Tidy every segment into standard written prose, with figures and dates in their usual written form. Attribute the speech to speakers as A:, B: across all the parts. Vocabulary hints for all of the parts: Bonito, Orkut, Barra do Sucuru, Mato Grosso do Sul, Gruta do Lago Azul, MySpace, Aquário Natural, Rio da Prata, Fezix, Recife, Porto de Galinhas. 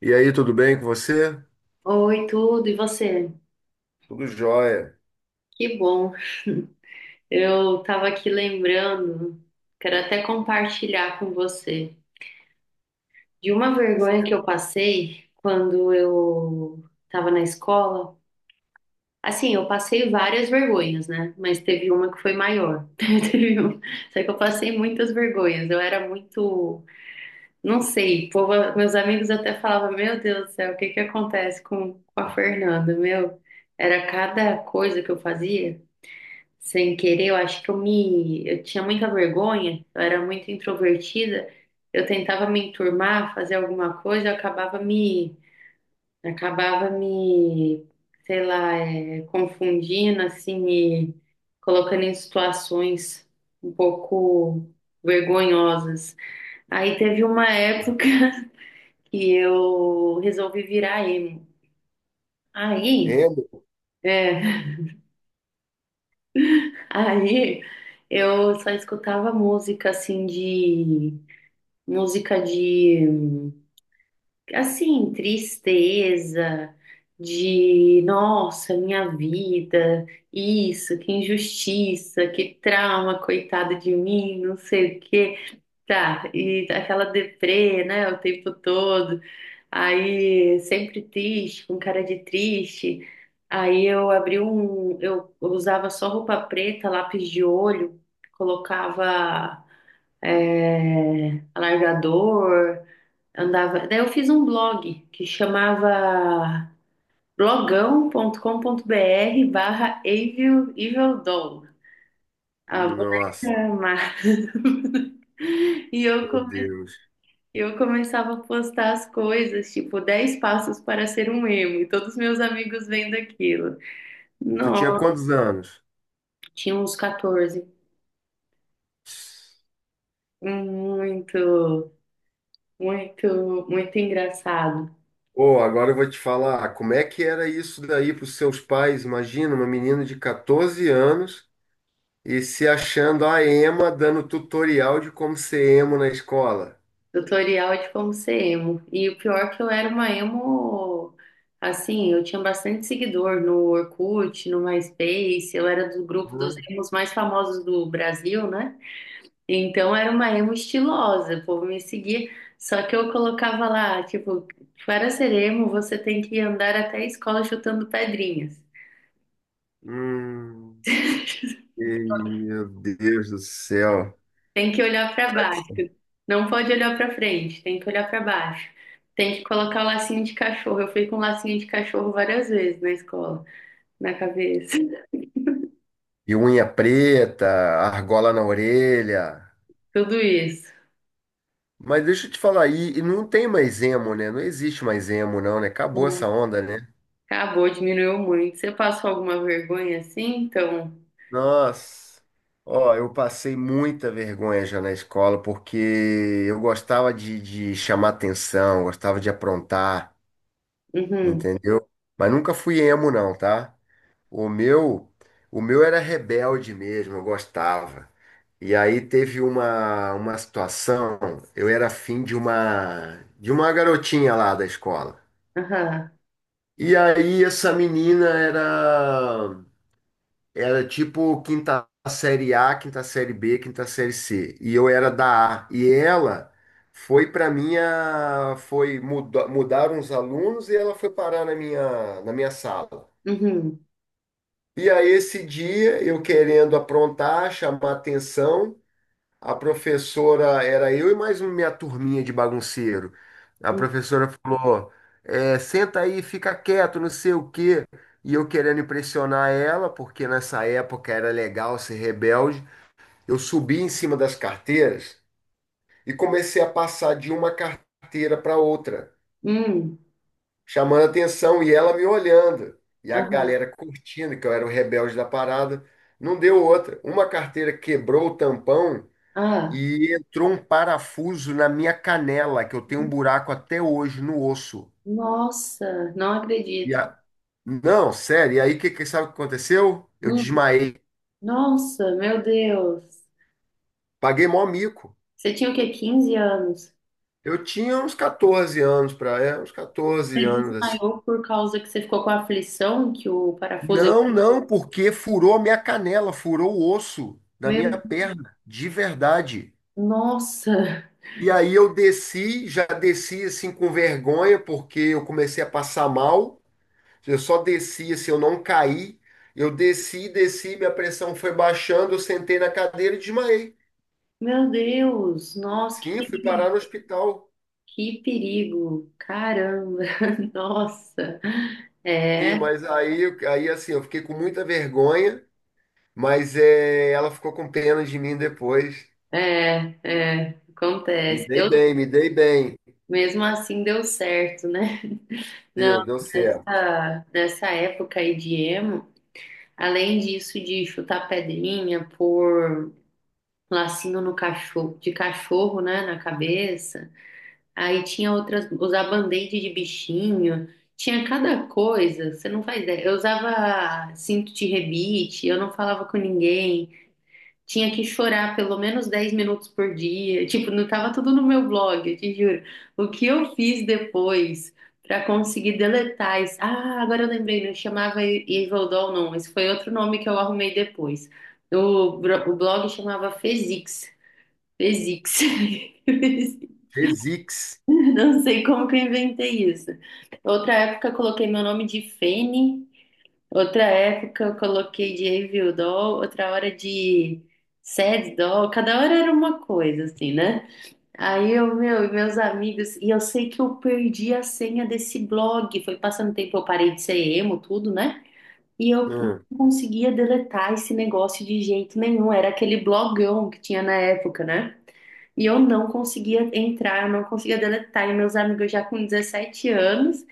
A: E aí, tudo bem com você?
B: Oi, tudo, e você?
A: Tudo jóia.
B: Que bom. Eu tava aqui lembrando, quero até compartilhar com você, de uma vergonha que eu passei quando eu tava na escola. Assim, eu passei várias vergonhas, né? Mas teve uma que foi maior. Teve uma- Só que eu passei muitas vergonhas. Eu era muito, não sei, meus amigos até falavam: meu Deus do céu, o que que acontece com a Fernanda? Meu, era cada coisa que eu fazia. Sem querer, eu acho que eu tinha muita vergonha, eu era muito introvertida, eu tentava me enturmar, fazer alguma coisa, eu acabava me, sei lá, confundindo, assim, me colocando em situações um pouco vergonhosas. Aí teve uma época que eu resolvi virar emo. Aí,
A: Emo?
B: é, aí eu só escutava música, assim, de música de, assim, tristeza, de, nossa, minha vida, isso, que injustiça, que trauma, coitado de mim, não sei o quê. Tá, e aquela deprê, né, o tempo todo. Aí, sempre triste, com cara de triste. Aí eu abri um, eu usava só roupa preta, lápis de olho, colocava alargador, andava. Daí eu fiz um blog que chamava blogão.com.br/EvilEvilDoll. A
A: Nossa,
B: boneca má. E eu,
A: meu Deus.
B: eu começava a postar as coisas, tipo, 10 passos para ser um emo. E todos meus amigos vendo aquilo.
A: Tu tinha
B: Nossa,
A: quantos anos?
B: tinha uns 14. Muito, muito, muito engraçado.
A: Pô, agora eu vou te falar, como é que era isso daí para os seus pais? Imagina uma menina de 14 anos e se achando a ema dando tutorial de como ser emo na escola.
B: Tutorial de como ser emo. E o pior é que eu era uma emo, assim, eu tinha bastante seguidor no Orkut, no MySpace, eu era do grupo
A: Hã?
B: dos emos mais famosos do Brasil, né? Então era uma emo estilosa, o povo me seguia, só que eu colocava lá, tipo, para ser emo você tem que andar até a escola chutando pedrinhas.
A: Hum, e- meu Deus do céu.
B: Tem que olhar para baixo. Não pode olhar para frente, tem que olhar para baixo. Tem que colocar o lacinho de cachorro. Eu fui com lacinho de cachorro várias vezes na escola, na cabeça.
A: E unha preta, argola na orelha.
B: Tudo isso.
A: Mas deixa eu te falar, e não tem mais emo, né? Não existe mais emo, não, né? Acabou essa onda, né?
B: Acabou, diminuiu muito. Você passou alguma vergonha assim? Então,
A: Nossa, ó, eu passei muita vergonha já na escola, porque eu gostava de chamar atenção, gostava de aprontar,
B: uhum,
A: entendeu? Mas nunca fui emo, não, tá? O meu, o meu era rebelde mesmo, eu gostava. E aí teve uma situação, eu era afim de uma garotinha lá da escola.
B: aham,
A: E aí essa menina era era tipo quinta série A, quinta série B, quinta série C, e eu era da A. E ela foi para minha foi mudaram os alunos e ela foi parar na minha sala.
B: uhum,
A: E aí esse dia eu querendo aprontar, chamar atenção, a professora era eu e mais uma minha turminha de bagunceiro. A professora falou: é, senta aí, fica quieto, não sei o quê. E eu querendo impressionar ela, porque nessa época era legal ser rebelde, eu subi em cima das carteiras e comecei a passar de uma carteira para outra,
B: uhum,
A: chamando atenção e ela me olhando. E a
B: aham,
A: galera curtindo que eu era o rebelde da parada. Não deu outra. Uma carteira quebrou o tampão
B: ah,
A: e entrou um parafuso na minha canela, que eu tenho um buraco até hoje no osso.
B: nossa, não
A: E
B: acredito.
A: a... Não, sério. E aí, sabe o que aconteceu? Eu
B: Hum,
A: desmaiei.
B: nossa, meu Deus.
A: Paguei mó mico.
B: Você tinha o quê? 15 anos?
A: Eu tinha uns 14 anos para, uns 14
B: Você
A: anos assim.
B: desmaiou por causa que você ficou com a aflição que o parafuso.
A: Não,
B: Aqui.
A: não, porque furou a minha canela, furou o osso da
B: Meu,
A: minha perna, de verdade.
B: nossa,
A: E aí eu desci, já desci assim com vergonha, porque eu comecei a passar mal. Eu só desci, assim, eu não caí. Eu desci, desci, minha pressão foi baixando, eu sentei na cadeira e desmaiei.
B: meu Deus, nossa,
A: Sim, fui parar no hospital.
B: que perigo, caramba, nossa,
A: Sim,
B: é,
A: mas aí, aí assim, eu fiquei com muita vergonha, mas ela ficou com pena de mim depois.
B: é, é,
A: Me
B: acontece.
A: dei
B: Eu,
A: bem, me dei bem.
B: mesmo assim deu certo, né? Não,
A: Deu, deu certo.
B: nessa época aí de emo, além disso de chutar pedrinha, pôr lacinho no cachorro, de cachorro, né, na cabeça. Aí tinha outras, usar band-aid de bichinho, tinha cada coisa, você não faz ideia. Eu usava cinto de rebite, eu não falava com ninguém, tinha que chorar pelo menos 10 minutos por dia. Tipo, não tava tudo no meu blog, eu te juro. O que eu fiz depois pra conseguir deletar isso? Ah, agora eu lembrei, não chamava Evil Doll, não, esse foi outro nome que eu arrumei depois. O, o blog chamava Fezix. Fezix.
A: Fez X.
B: Não sei como que eu inventei isso. Outra época eu coloquei meu nome de Fene, outra época eu coloquei de Review Doll, outra hora de Sad Doll, cada hora era uma coisa, assim, né? Aí eu, meu, e meus amigos, e eu sei que eu perdi a senha desse blog, foi passando tempo, eu parei de ser emo, tudo, né? E eu
A: Hum.
B: não conseguia deletar esse negócio de jeito nenhum, era aquele blogão que tinha na época, né? E eu não conseguia entrar, eu não conseguia deletar. E meus amigos já com 17 anos,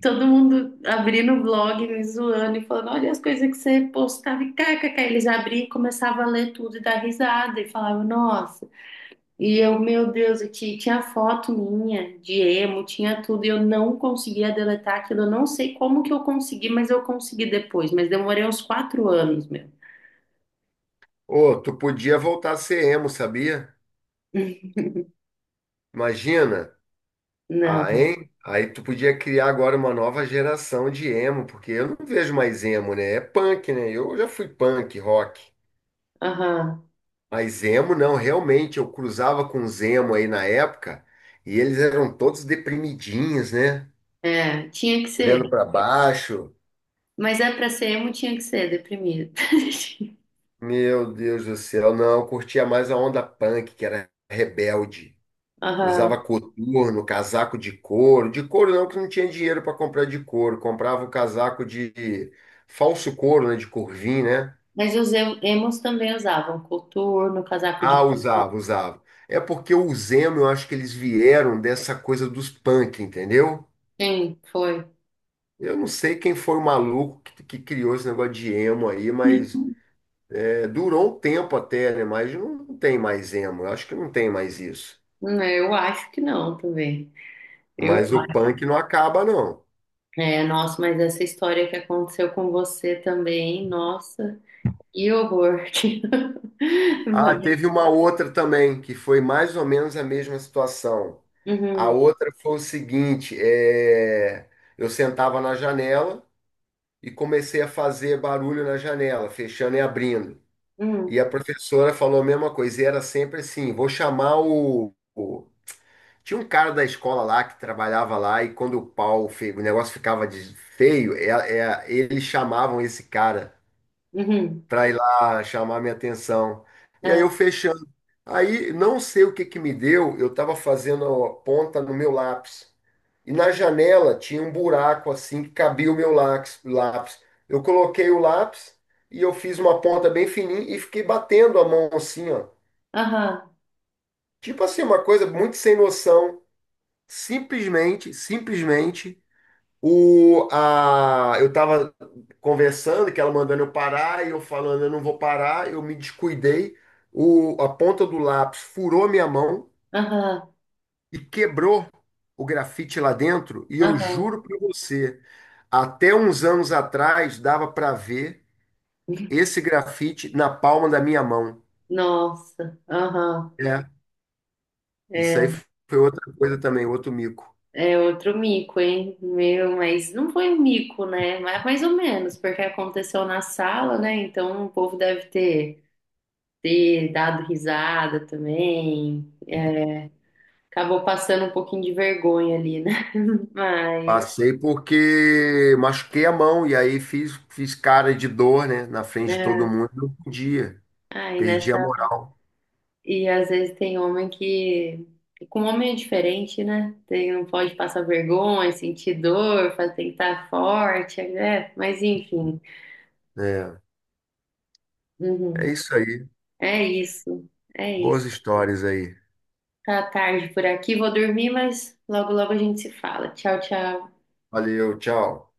B: todo mundo abrindo o blog, me zoando e falando: olha as coisas que você postava e kkk. Eles abriam e começavam a ler tudo e dar risada e falavam: nossa. E eu, meu Deus, eu tinha foto minha de emo, tinha tudo e eu não conseguia deletar aquilo. Eu não sei como que eu consegui, mas eu consegui depois. Mas demorei uns 4 anos, meu.
A: Ô, tu podia voltar a ser emo, sabia? Imagina. Ah,
B: Não.
A: hein? Aí tu podia criar agora uma nova geração de emo, porque eu não vejo mais emo, né? É punk, né? Eu já fui punk, rock.
B: Aham.
A: Mas emo não, realmente, eu cruzava com os emo aí na época e eles eram todos deprimidinhos, né?
B: É, tinha que ser.
A: Olhando pra baixo.
B: Mas é pra ser emo tinha que ser deprimido.
A: Meu Deus do céu, não, eu curtia mais a onda punk, que era rebelde. Usava
B: Aham.
A: coturno, casaco de couro. De couro não, que não tinha dinheiro para comprar de couro. Comprava o casaco de falso couro, né? De corvim, né?
B: Mas os emos também usavam coturno, casaco de
A: Ah,
B: pico.
A: usava, usava. É porque o Zemo, eu acho que eles vieram dessa coisa dos punk, entendeu?
B: Sim, foi.
A: Eu não sei quem foi o maluco que criou esse negócio de emo aí, mas durou um tempo até, né? Mas não tem mais emo. Eu acho que não tem mais isso.
B: Eu acho que não também. Eu
A: Mas o
B: acho.
A: punk não acaba, não.
B: É, nossa, mas essa história que aconteceu com você também, nossa, que horror.
A: Ah,
B: Vai.
A: teve uma outra também, que foi mais ou menos a mesma situação. A
B: Uhum,
A: outra foi o seguinte, eu sentava na janela e comecei a fazer barulho na janela, fechando e abrindo.
B: uhum,
A: E a professora falou a mesma coisa, e era sempre assim, vou chamar o... Tinha um cara da escola lá que trabalhava lá e quando o pau, o negócio ficava feio, eles chamavam esse cara
B: uhum.
A: para ir lá chamar minha atenção. E aí
B: É.
A: eu fechando. Aí, não sei o que que me deu, eu estava fazendo a ponta no meu lápis. E na janela tinha um buraco assim que cabia o meu lápis. Eu coloquei o lápis e eu fiz uma ponta bem fininha e fiquei batendo a mão assim, ó.
B: Aham,
A: Tipo assim, uma coisa muito sem noção. Simplesmente, simplesmente, eu estava conversando, que ela mandando eu parar, e eu falando, eu não vou parar, eu me descuidei. A ponta do lápis furou minha mão
B: aham,
A: e quebrou o grafite lá dentro. E eu
B: aham.
A: juro para você, até uns anos atrás dava para ver esse grafite na palma da minha mão.
B: Nossa, aham.
A: É, isso aí
B: É.
A: foi outra coisa também, outro mico.
B: É outro mico, hein? Meu, mas não foi um mico, né? Mas mais ou menos, porque aconteceu na sala, né? Então o povo deve ter dado risada também. Acabou passando um pouquinho de vergonha ali, né? Mas,
A: Passei porque machuquei a mão e aí fiz cara de dor, né, na frente de
B: é,
A: todo mundo. Um dia,
B: ai,
A: perdi a
B: nessa.
A: moral.
B: E às vezes tem homem que. Com homem é diferente, né? Tem, não pode passar vergonha, sentir dor, faz- tem que estar forte, né? Mas enfim.
A: É, é
B: Uhum.
A: isso aí.
B: É isso. É
A: Boas
B: isso.
A: histórias aí.
B: Tá tarde por aqui, vou dormir, mas logo logo a gente se fala. Tchau, tchau.
A: Valeu, tchau.